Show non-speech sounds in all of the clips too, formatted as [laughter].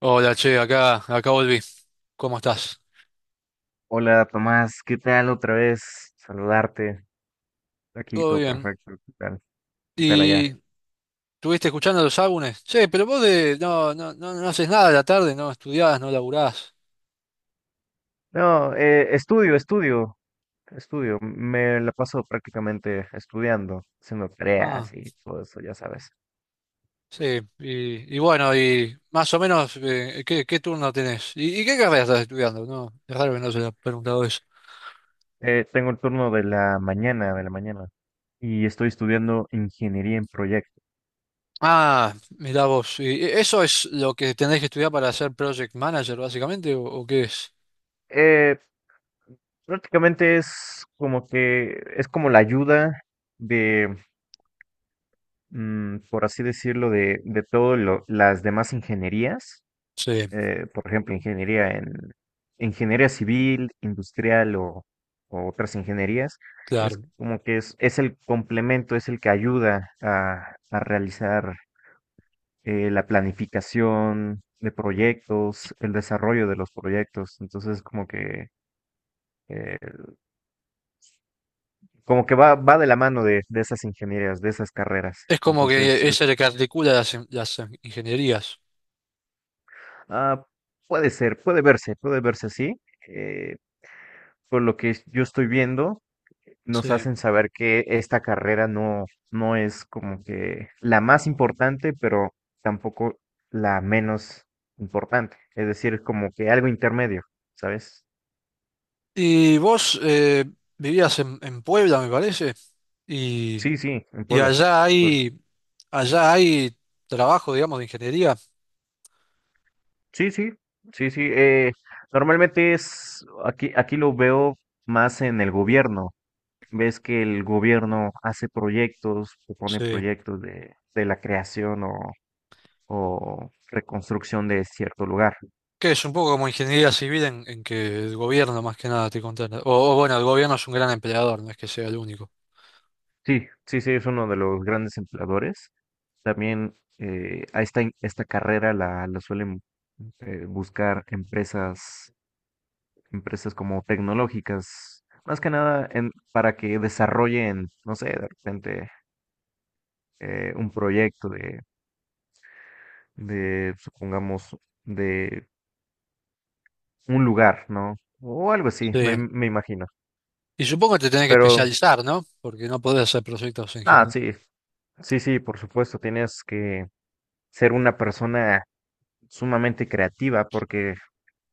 Hola, che, acá volví. ¿Cómo estás? Hola Tomás, ¿qué tal otra vez? Saludarte. Aquí Todo todo bien. perfecto. ¿Qué tal? ¿Qué tal allá? ¿Y estuviste escuchando los álbumes? Che, pero vos de, no haces nada a la tarde, no estudiás, no laburás. No, estudio, estudio. Me la paso prácticamente estudiando, haciendo Ah, tareas y todo eso, ya sabes. sí. Y bueno, y más o menos, ¿qué turno tenés? ¿Y qué carrera estás estudiando? No, es raro que no se lo he preguntado eso. Tengo el turno de la mañana, y estoy estudiando ingeniería en proyectos. Ah, mirá vos. ¿Y eso es lo que tenés que estudiar para ser project manager, básicamente, o qué es? Eh, prácticamente es como que es como la ayuda de, por así decirlo, de todas las demás ingenierías Sí, por ejemplo, ingeniería en ingeniería civil, industrial o otras ingenierías, es claro. como que es el complemento, es el que ayuda a realizar la planificación de proyectos, el desarrollo de los proyectos. Entonces, eh, como que va de la mano de esas ingenierías, de esas carreras. Es como que Entonces, es es, el que articula las ingenierías. ah, puede ser, puede verse así. eh, por lo que yo estoy viendo, Sí. nos hacen saber que esta carrera no, no es como que la más importante, pero tampoco la menos importante. Es decir, como que algo intermedio, ¿sabes? Y vos vivías en Puebla, me parece, y, Sí, sí, en y Puebla. Puebla. Allá hay trabajo, digamos, de ingeniería. Sí, sí, sí, sí. Normalmente es, aquí lo veo más en el gobierno. Ves que el gobierno hace proyectos, propone Sí. proyectos de la creación o reconstrucción de cierto lugar. Que es un poco como ingeniería civil en que el gobierno más que nada te contrata. O bueno, el gobierno es un gran empleador, no es que sea el único. Sí, sí, sí, es uno de los grandes empleadores. También a esta carrera la suelen buscar empresas, empresas como tecnológicas, más que nada en, para que desarrollen, no sé, de repente un proyecto de, supongamos, de un lugar, ¿no? O algo así, Sí. me imagino. Y supongo que te tenés que Pero, especializar, ¿no? Porque no podés hacer proyectos en ah, general. sí, sí, sí, por supuesto, tienes que ser una persona sumamente creativa porque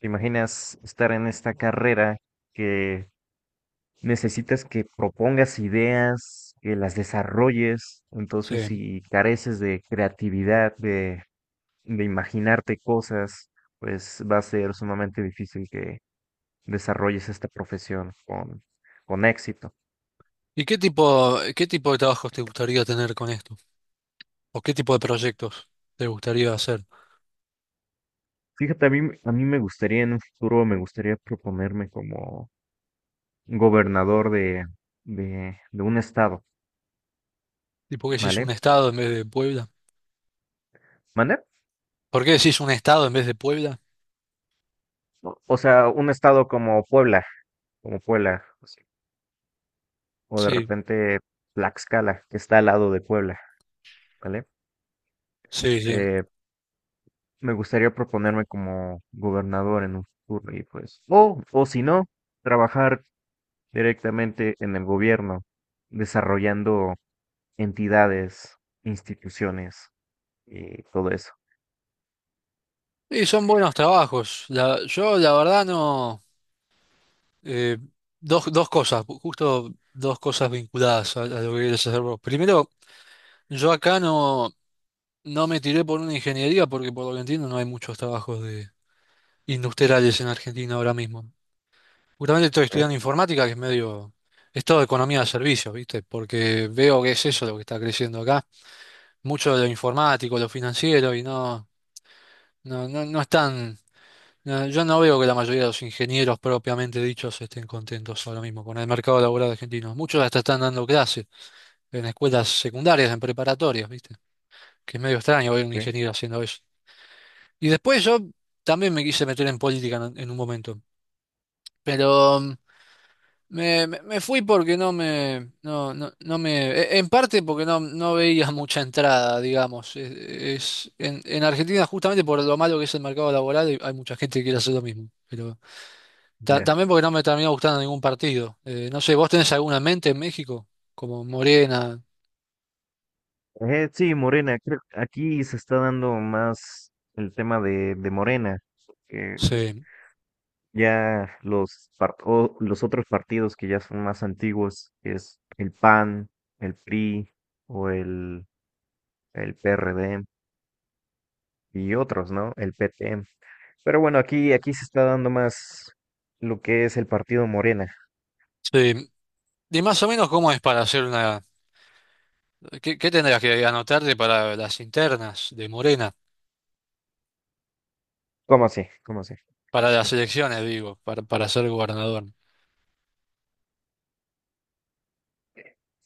¿te imaginas estar en esta carrera que necesitas que propongas ideas, que las desarrolles? Entonces, Sí. si careces de creatividad, de imaginarte cosas, pues va a ser sumamente difícil que desarrolles esta profesión con éxito. ¿Y qué tipo de trabajos te gustaría tener con esto? ¿O qué tipo de proyectos te gustaría hacer? Fíjate, a mí me gustaría en un futuro, me gustaría proponerme como gobernador de, de un estado, ¿Tipo que si es un ¿vale? estado en vez de Puebla? ¿Mande? ¿Por qué decís un estado en vez de Puebla? O sea, un estado como Puebla, así, o de Sí, repente Tlaxcala, que está al lado de Puebla, ¿vale? sí, sí. Eh, me gustaría proponerme como gobernador en un futuro y pues, o si no, trabajar directamente en el gobierno, desarrollando entidades, instituciones y todo eso. Y son buenos trabajos. Yo, la verdad, no. eh, Dos, dos cosas, justo dos cosas vinculadas a lo que querés hacer vos. Primero, yo acá no, no me tiré por una ingeniería porque, por lo que entiendo, no hay muchos trabajos de industriales en Argentina ahora mismo. Justamente estoy Ok, estudiando informática, que es medio. Es todo economía de servicios, ¿viste? Porque veo que es eso lo que está creciendo acá. Mucho de lo informático, lo financiero, y no están. Yo no veo que la mayoría de los ingenieros propiamente dichos estén contentos ahora mismo con el mercado laboral argentino. Muchos hasta están dando clases en escuelas secundarias, en preparatorias, ¿viste? Que es medio extraño ver un ok. ingeniero haciendo eso. Y después yo también me quise meter en política en un momento, pero me fui porque no me, no me, en parte porque no, no veía [laughs] mucha entrada, digamos. Es, en Argentina justamente por lo malo que es el mercado laboral hay mucha gente que quiere hacer lo mismo. Ya. También porque no me terminó gustando ningún partido. No sé, ¿vos tenés alguna en mente en México? Como Morena. Sí, Morena, creo que aquí se está dando más el tema de Morena, que Sí, ya o los otros partidos que ya son más antiguos, que es el PAN, el PRI o el PRD y otros, ¿no? El PT. Pero bueno, aquí se está dando más lo que es el partido Morena. sí. Y más o menos cómo es para hacer una... ¿Qué tendrás que anotarte para las internas de Morena? ¿Cómo así? ¿Cómo así? Para las elecciones, digo, para ser gobernador.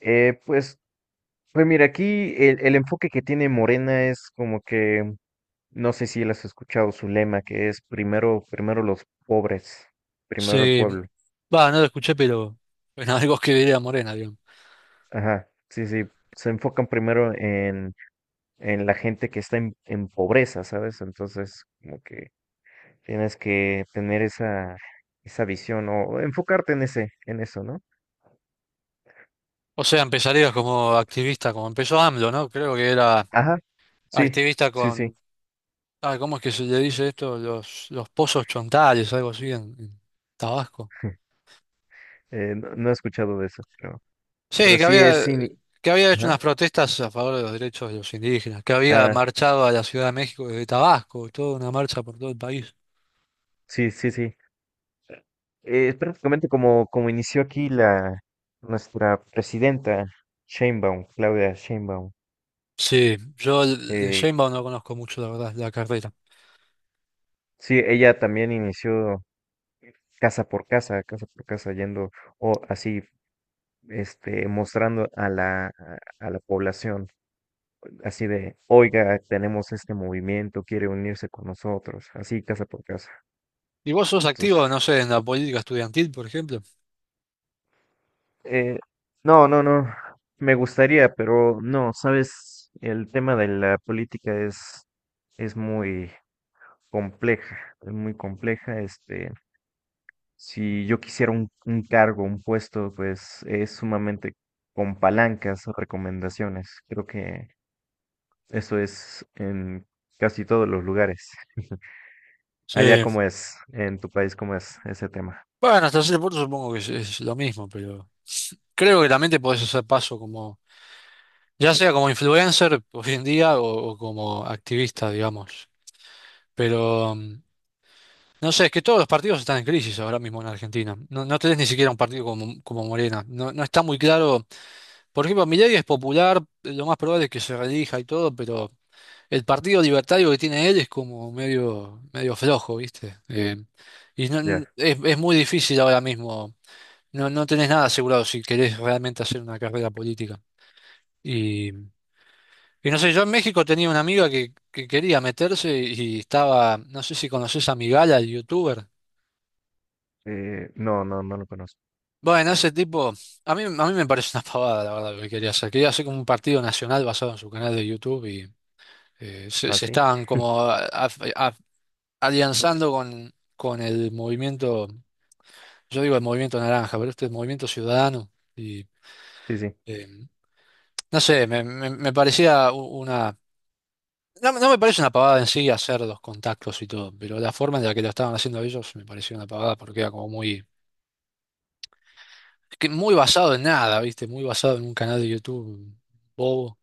Pues, pues mira, aquí el enfoque que tiene Morena es como que, no sé si él has escuchado su lema, que es primero, primero los pobres, primero el Sí. pueblo. Va, no lo escuché, pero... Bueno, [laughs] algo que diría Morena, digamos. Ajá, sí, sí, se enfocan primero en la gente que está en pobreza, ¿sabes? Entonces, como que tienes que tener esa, esa visión o enfocarte en ese, en eso, ¿no? O sea, empezarías como activista, como empezó AMLO, ¿no? Creo que era Ajá, sí, activista sí, sí. con... Ah, ¿cómo es que se le dice esto? Los pozos chontales, algo así en Tabasco. [laughs] No, no he escuchado de eso, Sí, pero sí es, sí que había hecho ajá, unas protestas a favor de los derechos de los indígenas, que había ah, marchado a la Ciudad de México desde Tabasco, toda una marcha por todo el país. sí, sí, sí. Es prácticamente como, como inició aquí la, nuestra presidenta, Sheinbaum, Claudia Sheinbaum. Sí, yo de Eh, Sheinbaum no conozco mucho, la verdad, la carrera. sí, ella también inició casa por casa, yendo o así, este, mostrando a a la población, así de, oiga, tenemos este movimiento, quiere unirse con nosotros, así, casa por casa. ¿Y vos sos Entonces, activo, no sé, en la política estudiantil, por ejemplo? eh, no, no, no, me gustaría, pero no, sabes, el tema de la política es muy compleja, es muy compleja, este, si yo quisiera un cargo, un puesto, pues es sumamente con palancas, o recomendaciones. Creo que eso es en casi todos los lugares. Sí. Allá cómo es, en tu país cómo es ese tema. Bueno, hasta cierto punto supongo que es lo mismo, pero creo que también te podés hacer paso como, ya sea como influencer hoy en día o como activista, digamos. Pero no sé, es que todos los partidos están en crisis ahora mismo en Argentina. No, no tenés ni siquiera un partido como, como Morena. No, no está muy claro. Por ejemplo, Milei es popular, lo más probable es que se reelija y todo, pero el partido libertario que tiene él es como medio, medio flojo, ¿viste? Y Ya. Es muy difícil ahora mismo. No, no tenés nada asegurado si querés realmente hacer una carrera política. Y no sé, yo en México tenía una amiga que quería meterse y estaba, no sé si conoces a Migala, el youtuber. No, no, no lo conozco. Bueno, ese tipo, a mí me parece una pavada, la verdad, lo que quería hacer. Quería hacer como un partido nacional basado en su canal de YouTube y se, ¿Ah, se sí? estaban como a- alianzando con el movimiento, yo digo el movimiento naranja, pero este es el movimiento ciudadano. Y Sí, sí. eh, no sé, me parecía una. No, no me parece una pavada en sí hacer los contactos y todo, pero la forma en la que lo estaban haciendo ellos me parecía una pavada porque era como muy, que muy basado en nada, ¿viste? Muy basado en un canal de YouTube bobo.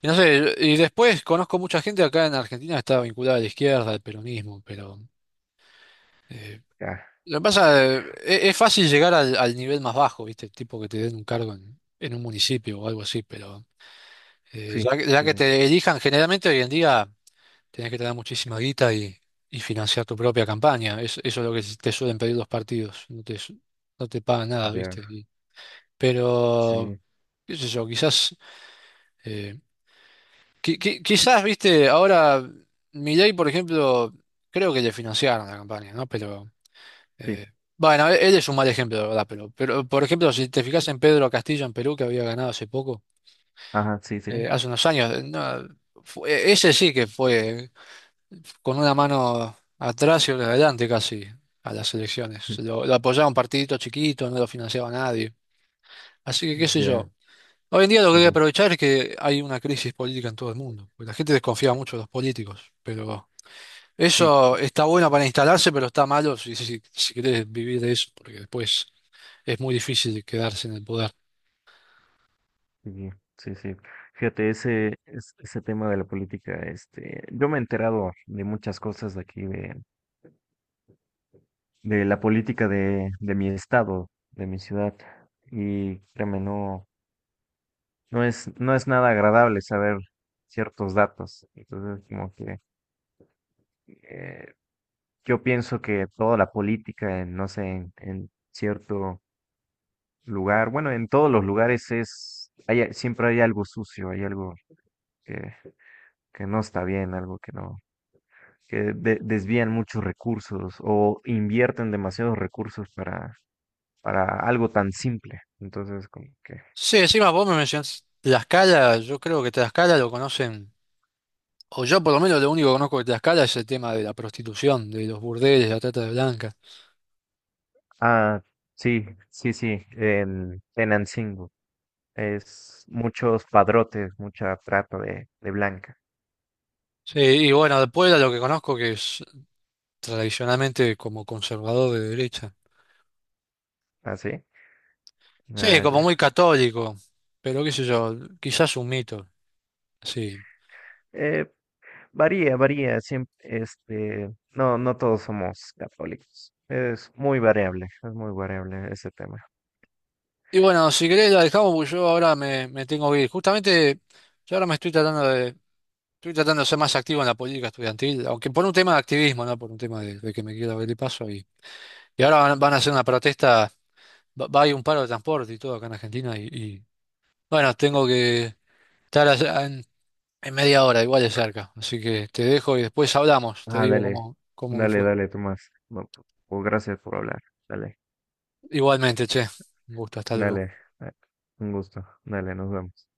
Y no sé, y después conozco mucha gente acá en Argentina que está vinculada a la izquierda, al peronismo, pero eh, Ya. lo que pasa es fácil llegar al, al nivel más bajo, ¿viste? Tipo que te den un cargo en un municipio o algo así, pero Sí, ya sí, que sí. te elijan, generalmente hoy en día tenés que tener muchísima guita y financiar tu propia campaña. Eso es lo que te suelen pedir los partidos, no te, no te pagan nada, ¿viste? Ya. Y pero, Sí, qué sé yo, quizás. eh, Quizás, viste, ahora Milei, por ejemplo, creo que le financiaron la campaña, ¿no? Pero, sí. eh, bueno, él es un mal ejemplo, de verdad, pero, por ejemplo, si te fijas en Pedro Castillo en Perú, que había ganado hace poco, Ajá, sí, sí. Hace unos años, no, ese sí que fue con una mano atrás y otra adelante casi a las elecciones. [laughs] Lo apoyaba un partidito chiquito, no lo financiaba nadie. Así que, qué sé Ya. yo. Hoy en día lo que Sí, hay que sí. aprovechar es que hay una crisis política en todo el mundo, porque la gente desconfía mucho de los políticos, pero... Sí. Eso está bueno para instalarse, pero está malo si, si, si querés vivir de eso, porque después es muy difícil quedarse en el poder. Sí, sí, sí. Fíjate, ese tema de la política, este, yo me he enterado de muchas cosas de aquí, de la política de mi estado, de mi ciudad, y créeme, no, no es, no es nada agradable saber ciertos datos. Entonces, como que eh, yo pienso que toda la política, en, no sé, en cierto lugar, bueno, en todos los lugares es, hay, siempre hay algo sucio, hay algo que, que no está bien, algo que no, desvían muchos recursos o invierten demasiados recursos para algo tan simple. Entonces, como que... Sí, encima vos me mencionás Tlaxcala, yo creo que Tlaxcala lo conocen, o yo por lo menos lo único que conozco de Tlaxcala es el tema de la prostitución, de los burdeles, la trata de blancas. Ah, sí, sí, sí, en Tenancingo. Es muchos padrotes, mucha trata de blanca. Sí, y bueno, de Puebla lo que conozco que es tradicionalmente como conservador de derecha. ¿Ah, sí? Sí, Ah, como muy ya. católico, pero qué sé yo, quizás un mito, sí. Eh, varía, varía. Siempre, este, no, no todos somos católicos. Es muy variable ese tema. Y bueno, si querés la dejamos porque yo ahora me tengo que ir. Justamente yo ahora me estoy tratando de ser más activo en la política estudiantil, aunque por un tema de activismo, no por un tema de que me quiera ver de paso. Y ahora van, van a hacer una protesta, va, va a haber un paro de transporte y todo acá en Argentina. Bueno, tengo que estar allá en media hora, igual de cerca. Así que te dejo y después hablamos, te Ah, digo dale, cómo, cómo me dale, fue. dale, Tomás. No, pues gracias por hablar. Dale. Igualmente, che, un gusto, hasta luego. Dale, eh, un gusto. Dale, nos vemos.